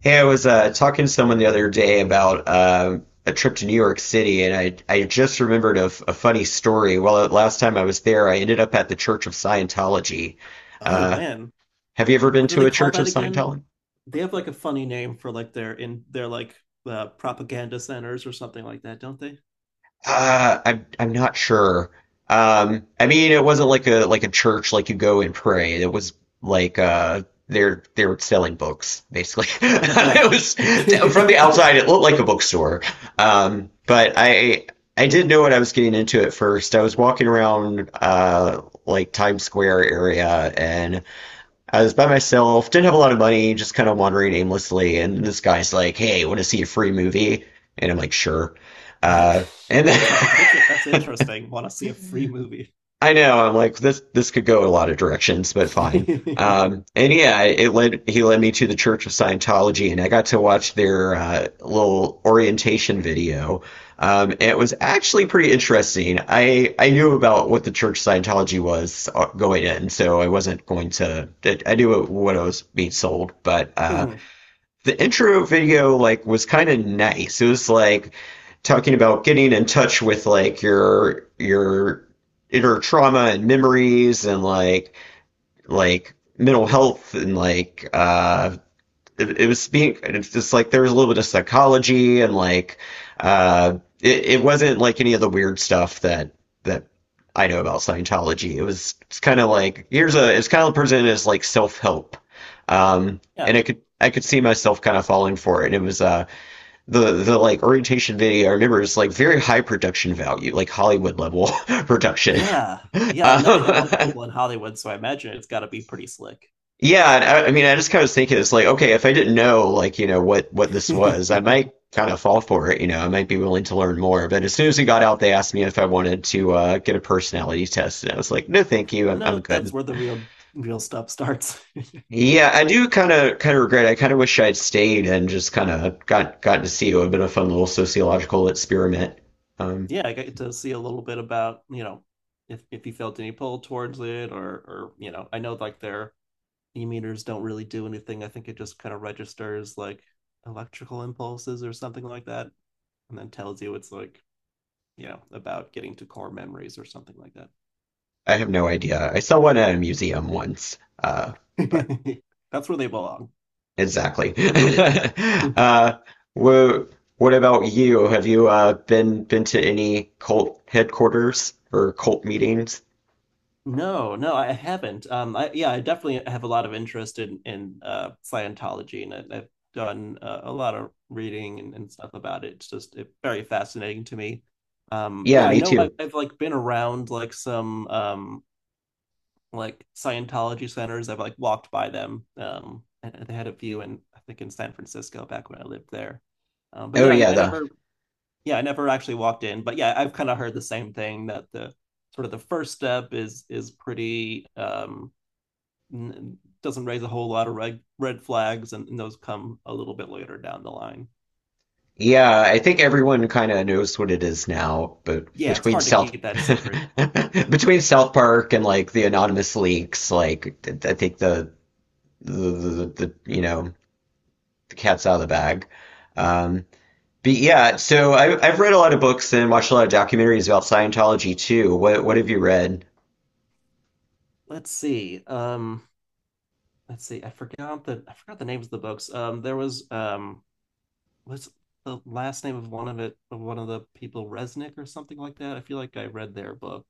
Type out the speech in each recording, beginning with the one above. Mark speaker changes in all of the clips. Speaker 1: Hey, I was talking to someone the other day about a trip to New York City, and I just remembered a funny story. Well, last time I was there, I ended up at the Church of Scientology.
Speaker 2: Oh
Speaker 1: Uh,
Speaker 2: man,
Speaker 1: have you ever been
Speaker 2: what do
Speaker 1: to
Speaker 2: they
Speaker 1: a
Speaker 2: call
Speaker 1: Church of
Speaker 2: that again?
Speaker 1: Scientology?
Speaker 2: They have like a funny name for like their in their like propaganda centers or something like that, don't they?
Speaker 1: I'm not sure. I mean, it wasn't like a church like you go and pray. It was like they're selling books basically. It
Speaker 2: Right.
Speaker 1: was from the outside, it looked like a bookstore. But I didn't know what I was getting into at first. I was walking around like Times Square area, and I was by myself, didn't have a lot of money, just kind of wandering aimlessly. And this guy's like, "Hey, want to see a free movie?" And I'm like, "Sure."
Speaker 2: What?
Speaker 1: And then
Speaker 2: That's how they pitch it. That's interesting. Want to see a free movie?
Speaker 1: I know. I'm like this. This could go a lot of directions, but fine. And yeah, it led. He led me to the Church of Scientology, and I got to watch their little orientation video. And it was actually pretty interesting. I knew about what the Church of Scientology was going in, so I wasn't going to. I knew what I was being sold, but
Speaker 2: Mhm.
Speaker 1: the intro video like was kind of nice. It was like talking about getting in touch with like your inner trauma and memories, and like mental health, and like it was being it's just like there was a little bit of psychology, and like it wasn't like any of the weird stuff that that I know about Scientology. It was it's kind of like here's a it's kind of presented as like self help,
Speaker 2: Yeah.
Speaker 1: and I could see myself kind of falling for it. And it was the like orientation video. I remember it's like very high production value, like Hollywood level production.
Speaker 2: Yeah. Yeah, I know they have a lot of
Speaker 1: Um,
Speaker 2: people in Hollywood, so I imagine it's got to be pretty slick.
Speaker 1: Yeah, and I mean, I just kind of was thinking it's like, okay, if I didn't know, like, you know, what this was, I might kind of fall for it, you know, I might be willing to learn more. But as soon as we got out, they asked me if I wanted to get a personality test, and I was like, no, thank you, I'm
Speaker 2: No, that's
Speaker 1: good.
Speaker 2: where the real stuff starts.
Speaker 1: Yeah, I do kind of regret. I kind of wish I'd stayed and just kind of gotten to see it. It would have been a fun little sociological experiment. Um,
Speaker 2: Yeah, I get to see a little bit about, you know, if he felt any pull towards it, or you know, I know like their e-meters don't really do anything. I think it just kind of registers like electrical impulses or something like that, and then tells you it's like, you know, about getting to core memories or something like that.
Speaker 1: I have no idea. I saw one at a museum once, uh, but.
Speaker 2: That's where they belong.
Speaker 1: Exactly. Uh, wha- what about you? Have you been to any cult headquarters or cult meetings?
Speaker 2: No, no, I haven't. I yeah, I definitely have a lot of interest in Scientology, and I've done a lot of reading and stuff about it. It's just very fascinating to me.
Speaker 1: Yeah,
Speaker 2: Yeah, I
Speaker 1: me
Speaker 2: know
Speaker 1: too.
Speaker 2: I've like been around like some like Scientology centers. I've like walked by them. And they had a few in I think in San Francisco back when I lived there. But
Speaker 1: Oh
Speaker 2: yeah,
Speaker 1: yeah,
Speaker 2: I
Speaker 1: the
Speaker 2: never. Yeah, I never actually walked in, but yeah, I've kind of heard the same thing that the, sort of, the first step is pretty doesn't raise a whole lot of red flags, and those come a little bit later down the line.
Speaker 1: yeah. I think everyone kind of knows what it is now, but
Speaker 2: Yeah, it's
Speaker 1: between
Speaker 2: hard to
Speaker 1: South
Speaker 2: keep that secret.
Speaker 1: between South Park and like the anonymous leaks, like I think the you know the cat's out of the bag. Um, But yeah, so I've read a lot of books and watched a lot of documentaries about Scientology too. What have you read?
Speaker 2: Let's see. Let's see. I forgot the, I forgot the names of the books. There was what's the last name of one of the people, Resnick or something like that. I feel like I read their book.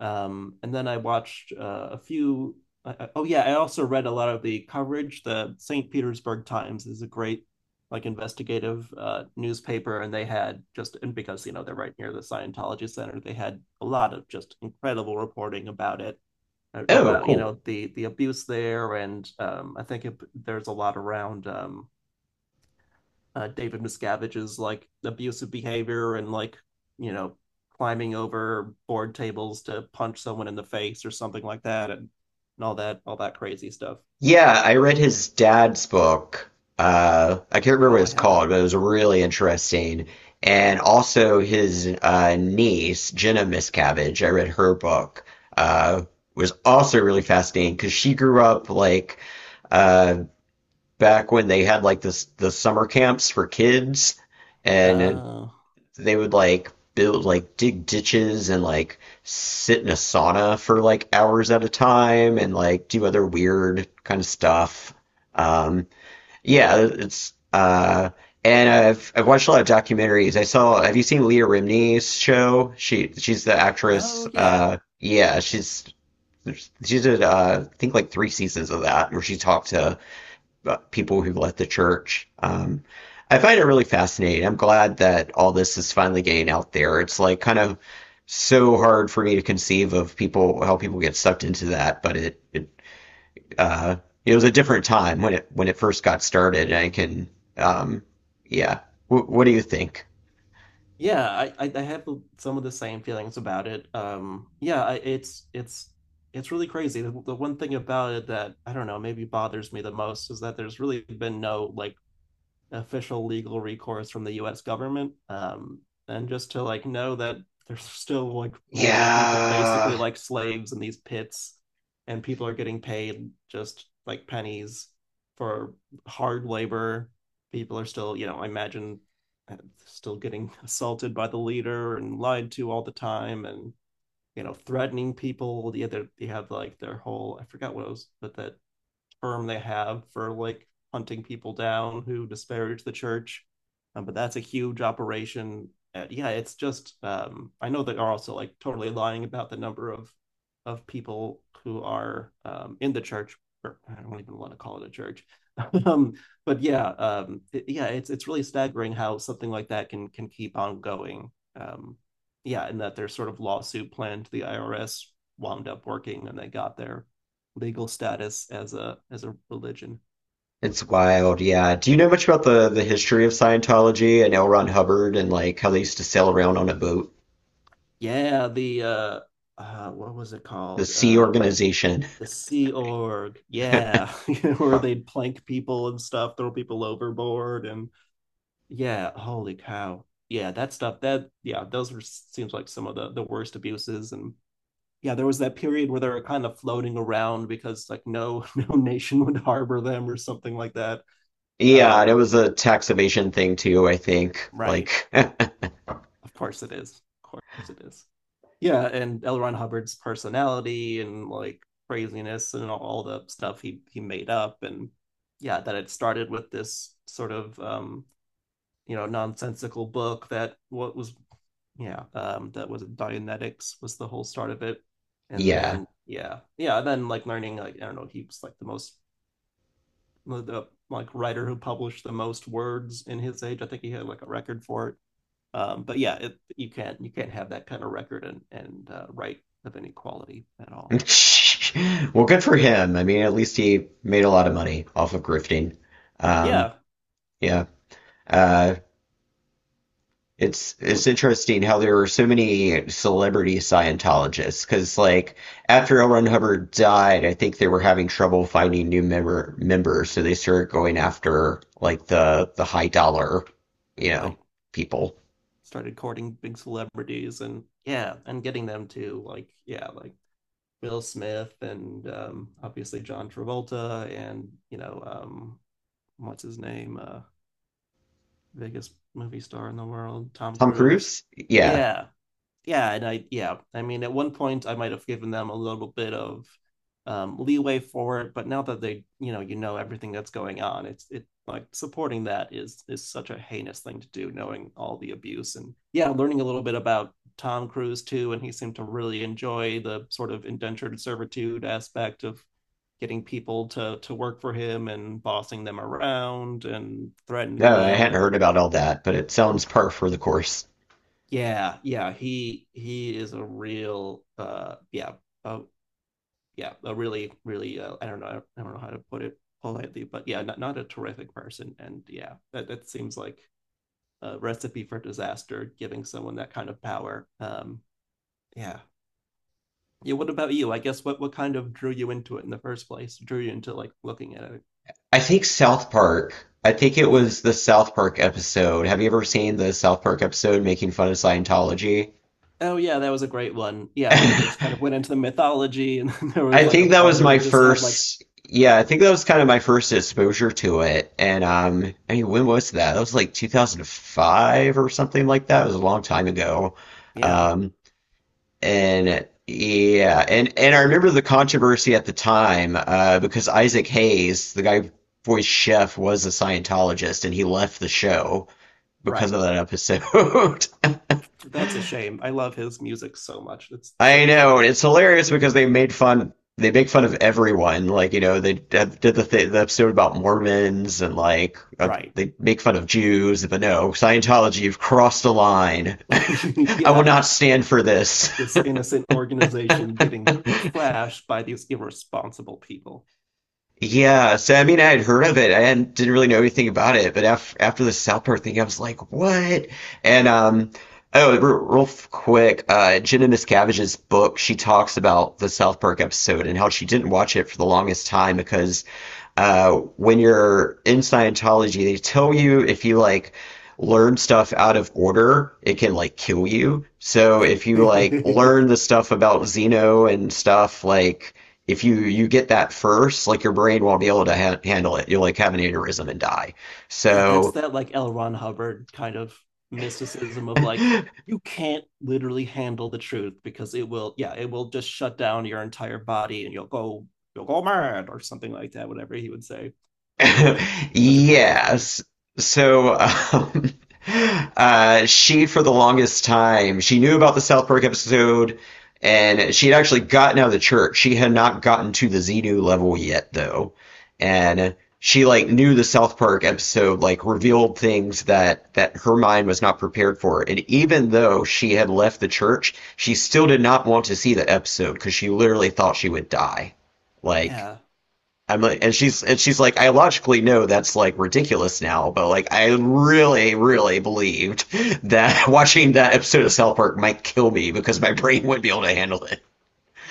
Speaker 2: And then I watched a few. Oh yeah, I also read a lot of the coverage. The St. Petersburg Times is a great, like, investigative newspaper, and they had just, and because you know they're right near the Scientology Center, they had a lot of just incredible reporting about it,
Speaker 1: Oh,
Speaker 2: about you
Speaker 1: cool.
Speaker 2: know the abuse there, and I think there's a lot around. David Miscavige's like abusive behavior and like you know climbing over board tables to punch someone in the face or something like that, and all that crazy stuff.
Speaker 1: Yeah, I read his dad's book. I can't remember what
Speaker 2: Oh, I
Speaker 1: it's
Speaker 2: haven't.
Speaker 1: called, but it was really interesting. And also his niece, Jenna Miscavige. I read her book. Uh, was also really fascinating because she grew up like uh, back when they had like this the summer camps for kids, and
Speaker 2: Uh,
Speaker 1: they would like build like dig ditches, and like sit in a sauna for like hours at a time, and like do other weird kind of stuff. Um, yeah, it's and I've watched a lot of documentaries. I saw. Have you seen Leah Remini's show? She's the actress.
Speaker 2: oh yeah,
Speaker 1: Yeah, she did I think like three seasons of that where she talked to people who left the church. I find it really fascinating. I'm glad that all this is finally getting out there. It's like kind of so hard for me to conceive of people how people get sucked into that, but it uh, it was a different time when it first got started. And I can um, yeah. What do you think?
Speaker 2: yeah. I have some of the same feelings about it. Yeah, it's it's really crazy. The one thing about it that I don't know maybe bothers me the most is that there's really been no like official legal recourse from the U.S. government, and just to like know that they're still like holding people basically
Speaker 1: Yeah,
Speaker 2: like slaves in these pits, and people are getting paid just like pennies for hard labor. People are still, you know, I imagine uh, still getting assaulted by the leader and lied to all the time, and you know, threatening people. Yeah, they have like their whole, I forgot what it was, but that term they have for like hunting people down who disparage the church. But that's a huge operation. Yeah, it's just I know they are also like totally lying about the number of people who are in the church. Or I don't even want to call it a church. um, but yeah, yeah, it's really staggering how something like that can keep on going. Yeah, and that their sort of lawsuit plan to the IRS wound up working, and they got their legal status as a religion.
Speaker 1: it's wild. Yeah. Do you know much about the history of Scientology and L. Ron Hubbard, and like how they used to sail around on a boat?
Speaker 2: Yeah, the what was it
Speaker 1: The
Speaker 2: called?
Speaker 1: Sea Organization.
Speaker 2: The Sea Org. Yeah. Where they'd plank people and stuff, throw people overboard, and yeah, holy cow. Yeah, that stuff. That Yeah, those were, seems like some of the worst abuses, and yeah, there was that period where they were kind of floating around because like no no nation would harbor them or something like that.
Speaker 1: Yeah, and it
Speaker 2: Um,
Speaker 1: was a tax evasion thing too, I think.
Speaker 2: right.
Speaker 1: Like,
Speaker 2: Of course it is. Of course it is. Yeah, and L. Ron Hubbard's personality and like craziness and all the stuff he made up, and yeah, that it started with this sort of you know, nonsensical book that, what was, yeah, that was Dianetics was the whole start of it, and
Speaker 1: yeah.
Speaker 2: then yeah, yeah, and then like learning like I don't know he was like the most, the like writer who published the most words in his age, I think he had like a record for it. But yeah, you can't have that kind of record, and right, of any quality at all.
Speaker 1: Well, good for him. I mean, at least he made a lot of money off of grifting. Um,
Speaker 2: Yeah,
Speaker 1: yeah. Uh, it's it's
Speaker 2: would,
Speaker 1: interesting how there were so many celebrity Scientologists because, like, after L. Ron Hubbard died, I think they were having trouble finding new members, so they started going after like the high dollar, you know,
Speaker 2: right,
Speaker 1: people.
Speaker 2: started courting big celebrities, and yeah, and getting them to like yeah like Will Smith, and obviously John Travolta, and you know what's his name, biggest movie star in the world, Tom
Speaker 1: Tom
Speaker 2: Cruise.
Speaker 1: Cruise? Yeah.
Speaker 2: Yeah, yeah, and I yeah, I mean at one point I might have given them a little bit of leeway for it, but now that they you know, you know everything that's going on, it's it like supporting that is such a heinous thing to do, knowing all the abuse, and yeah, learning a little bit about Tom Cruise too, and he seemed to really enjoy the sort of indentured servitude aspect of getting people to work for him, and bossing them around and threatening
Speaker 1: No, I
Speaker 2: them,
Speaker 1: hadn't heard
Speaker 2: and
Speaker 1: about all that, but it sounds par for the course.
Speaker 2: yeah, yeah, he is a real yeah, uh, yeah, a really I don't know, I don't know how to put it politely, but yeah, not, not a terrific person, and yeah, that that seems like a recipe for disaster, giving someone that kind of power. Yeah. Yeah, what about you? I guess what kind of drew you into it in the first place? Drew you into like looking at it?
Speaker 1: I think South Park, I think it
Speaker 2: Mhm.
Speaker 1: was the South Park episode. Have you ever seen the South Park episode making fun of Scientology?
Speaker 2: Oh yeah, that was a great one. Yeah, they just kind of went into the mythology, and there was
Speaker 1: I
Speaker 2: like a
Speaker 1: think that
Speaker 2: point
Speaker 1: was
Speaker 2: where
Speaker 1: my
Speaker 2: they just had like
Speaker 1: first, yeah,
Speaker 2: yeah,
Speaker 1: I think that was kind of my first exposure to it. And I mean, when was that? That was like 2005 or something like that. It was a long time ago.
Speaker 2: yeah,
Speaker 1: Um, And yeah, and I remember the controversy at the time because Isaac Hayes, the guy who voiced Chef, was a Scientologist, and he left the show because
Speaker 2: right.
Speaker 1: of that episode.
Speaker 2: That's a shame. I love his music so much. It's
Speaker 1: I
Speaker 2: such a
Speaker 1: know,
Speaker 2: shame.
Speaker 1: and it's hilarious because they made fun. They make fun of everyone. Like, you know, they did the episode about Mormons, and like
Speaker 2: Right.
Speaker 1: they make fun of Jews, but no, Scientology, you've crossed the line. I will
Speaker 2: Yeah.
Speaker 1: not stand for this.
Speaker 2: This innocent organization getting trashed by these irresponsible people.
Speaker 1: Yeah, so I mean, I had heard of it. I hadn't, didn't really know anything about it, but after the South Park thing, I was like, what? And oh, r real quick, Jenna Miscavige's book, she talks about the South Park episode and how she didn't watch it for the longest time because when you're in Scientology, they tell you if you like learn stuff out of order, it can like kill you. So if you like
Speaker 2: Yeah,
Speaker 1: learn the stuff about Xeno and stuff, like if you get that first, like your brain won't be able to ha handle it. You'll like have an aneurysm and die.
Speaker 2: that's
Speaker 1: So
Speaker 2: that like L. Ron Hubbard kind of mysticism of like, you can't literally handle the truth because it will, yeah, it will just shut down your entire body, and you'll go mad or something like that, whatever he would say. Such a, such a crazy figure.
Speaker 1: Yes. So, um, she, for the longest time, she knew about the South Park episode, and she had actually gotten out of the church. She had not gotten to the Xenu level yet, though. And she, like, knew the South Park episode, like, revealed things that her mind was not prepared for. And even though she had left the church, she still did not want to see the episode because she literally thought she would die. Like,
Speaker 2: Yeah.
Speaker 1: I'm like, and she's like, I logically know that's like ridiculous now, but like I really, really believed that watching that episode of South Park might kill me because my brain wouldn't be able to handle it.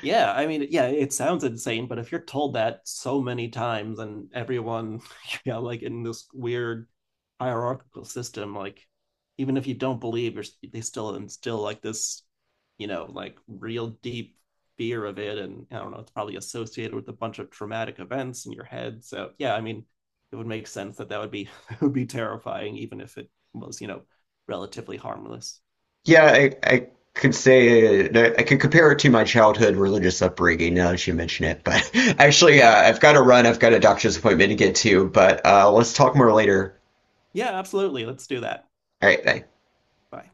Speaker 2: Yeah, I mean, yeah, it sounds insane, but if you're told that so many times, and everyone, yeah, like in this weird hierarchical system, like even if you don't believe, you're, they still instill like this, you know, like real deep fear of it. And I don't know, it's probably associated with a bunch of traumatic events in your head. So yeah, I mean, it would make sense that that would be it would be terrifying, even if it was, you know, relatively harmless.
Speaker 1: Yeah, I could say no, I could compare it to my childhood religious upbringing now that you mention it. But actually,
Speaker 2: Yeah,
Speaker 1: I've got to run. I've got a doctor's appointment to get to. But let's talk more later.
Speaker 2: yeah, absolutely. Let's do that.
Speaker 1: All right, bye.
Speaker 2: Bye.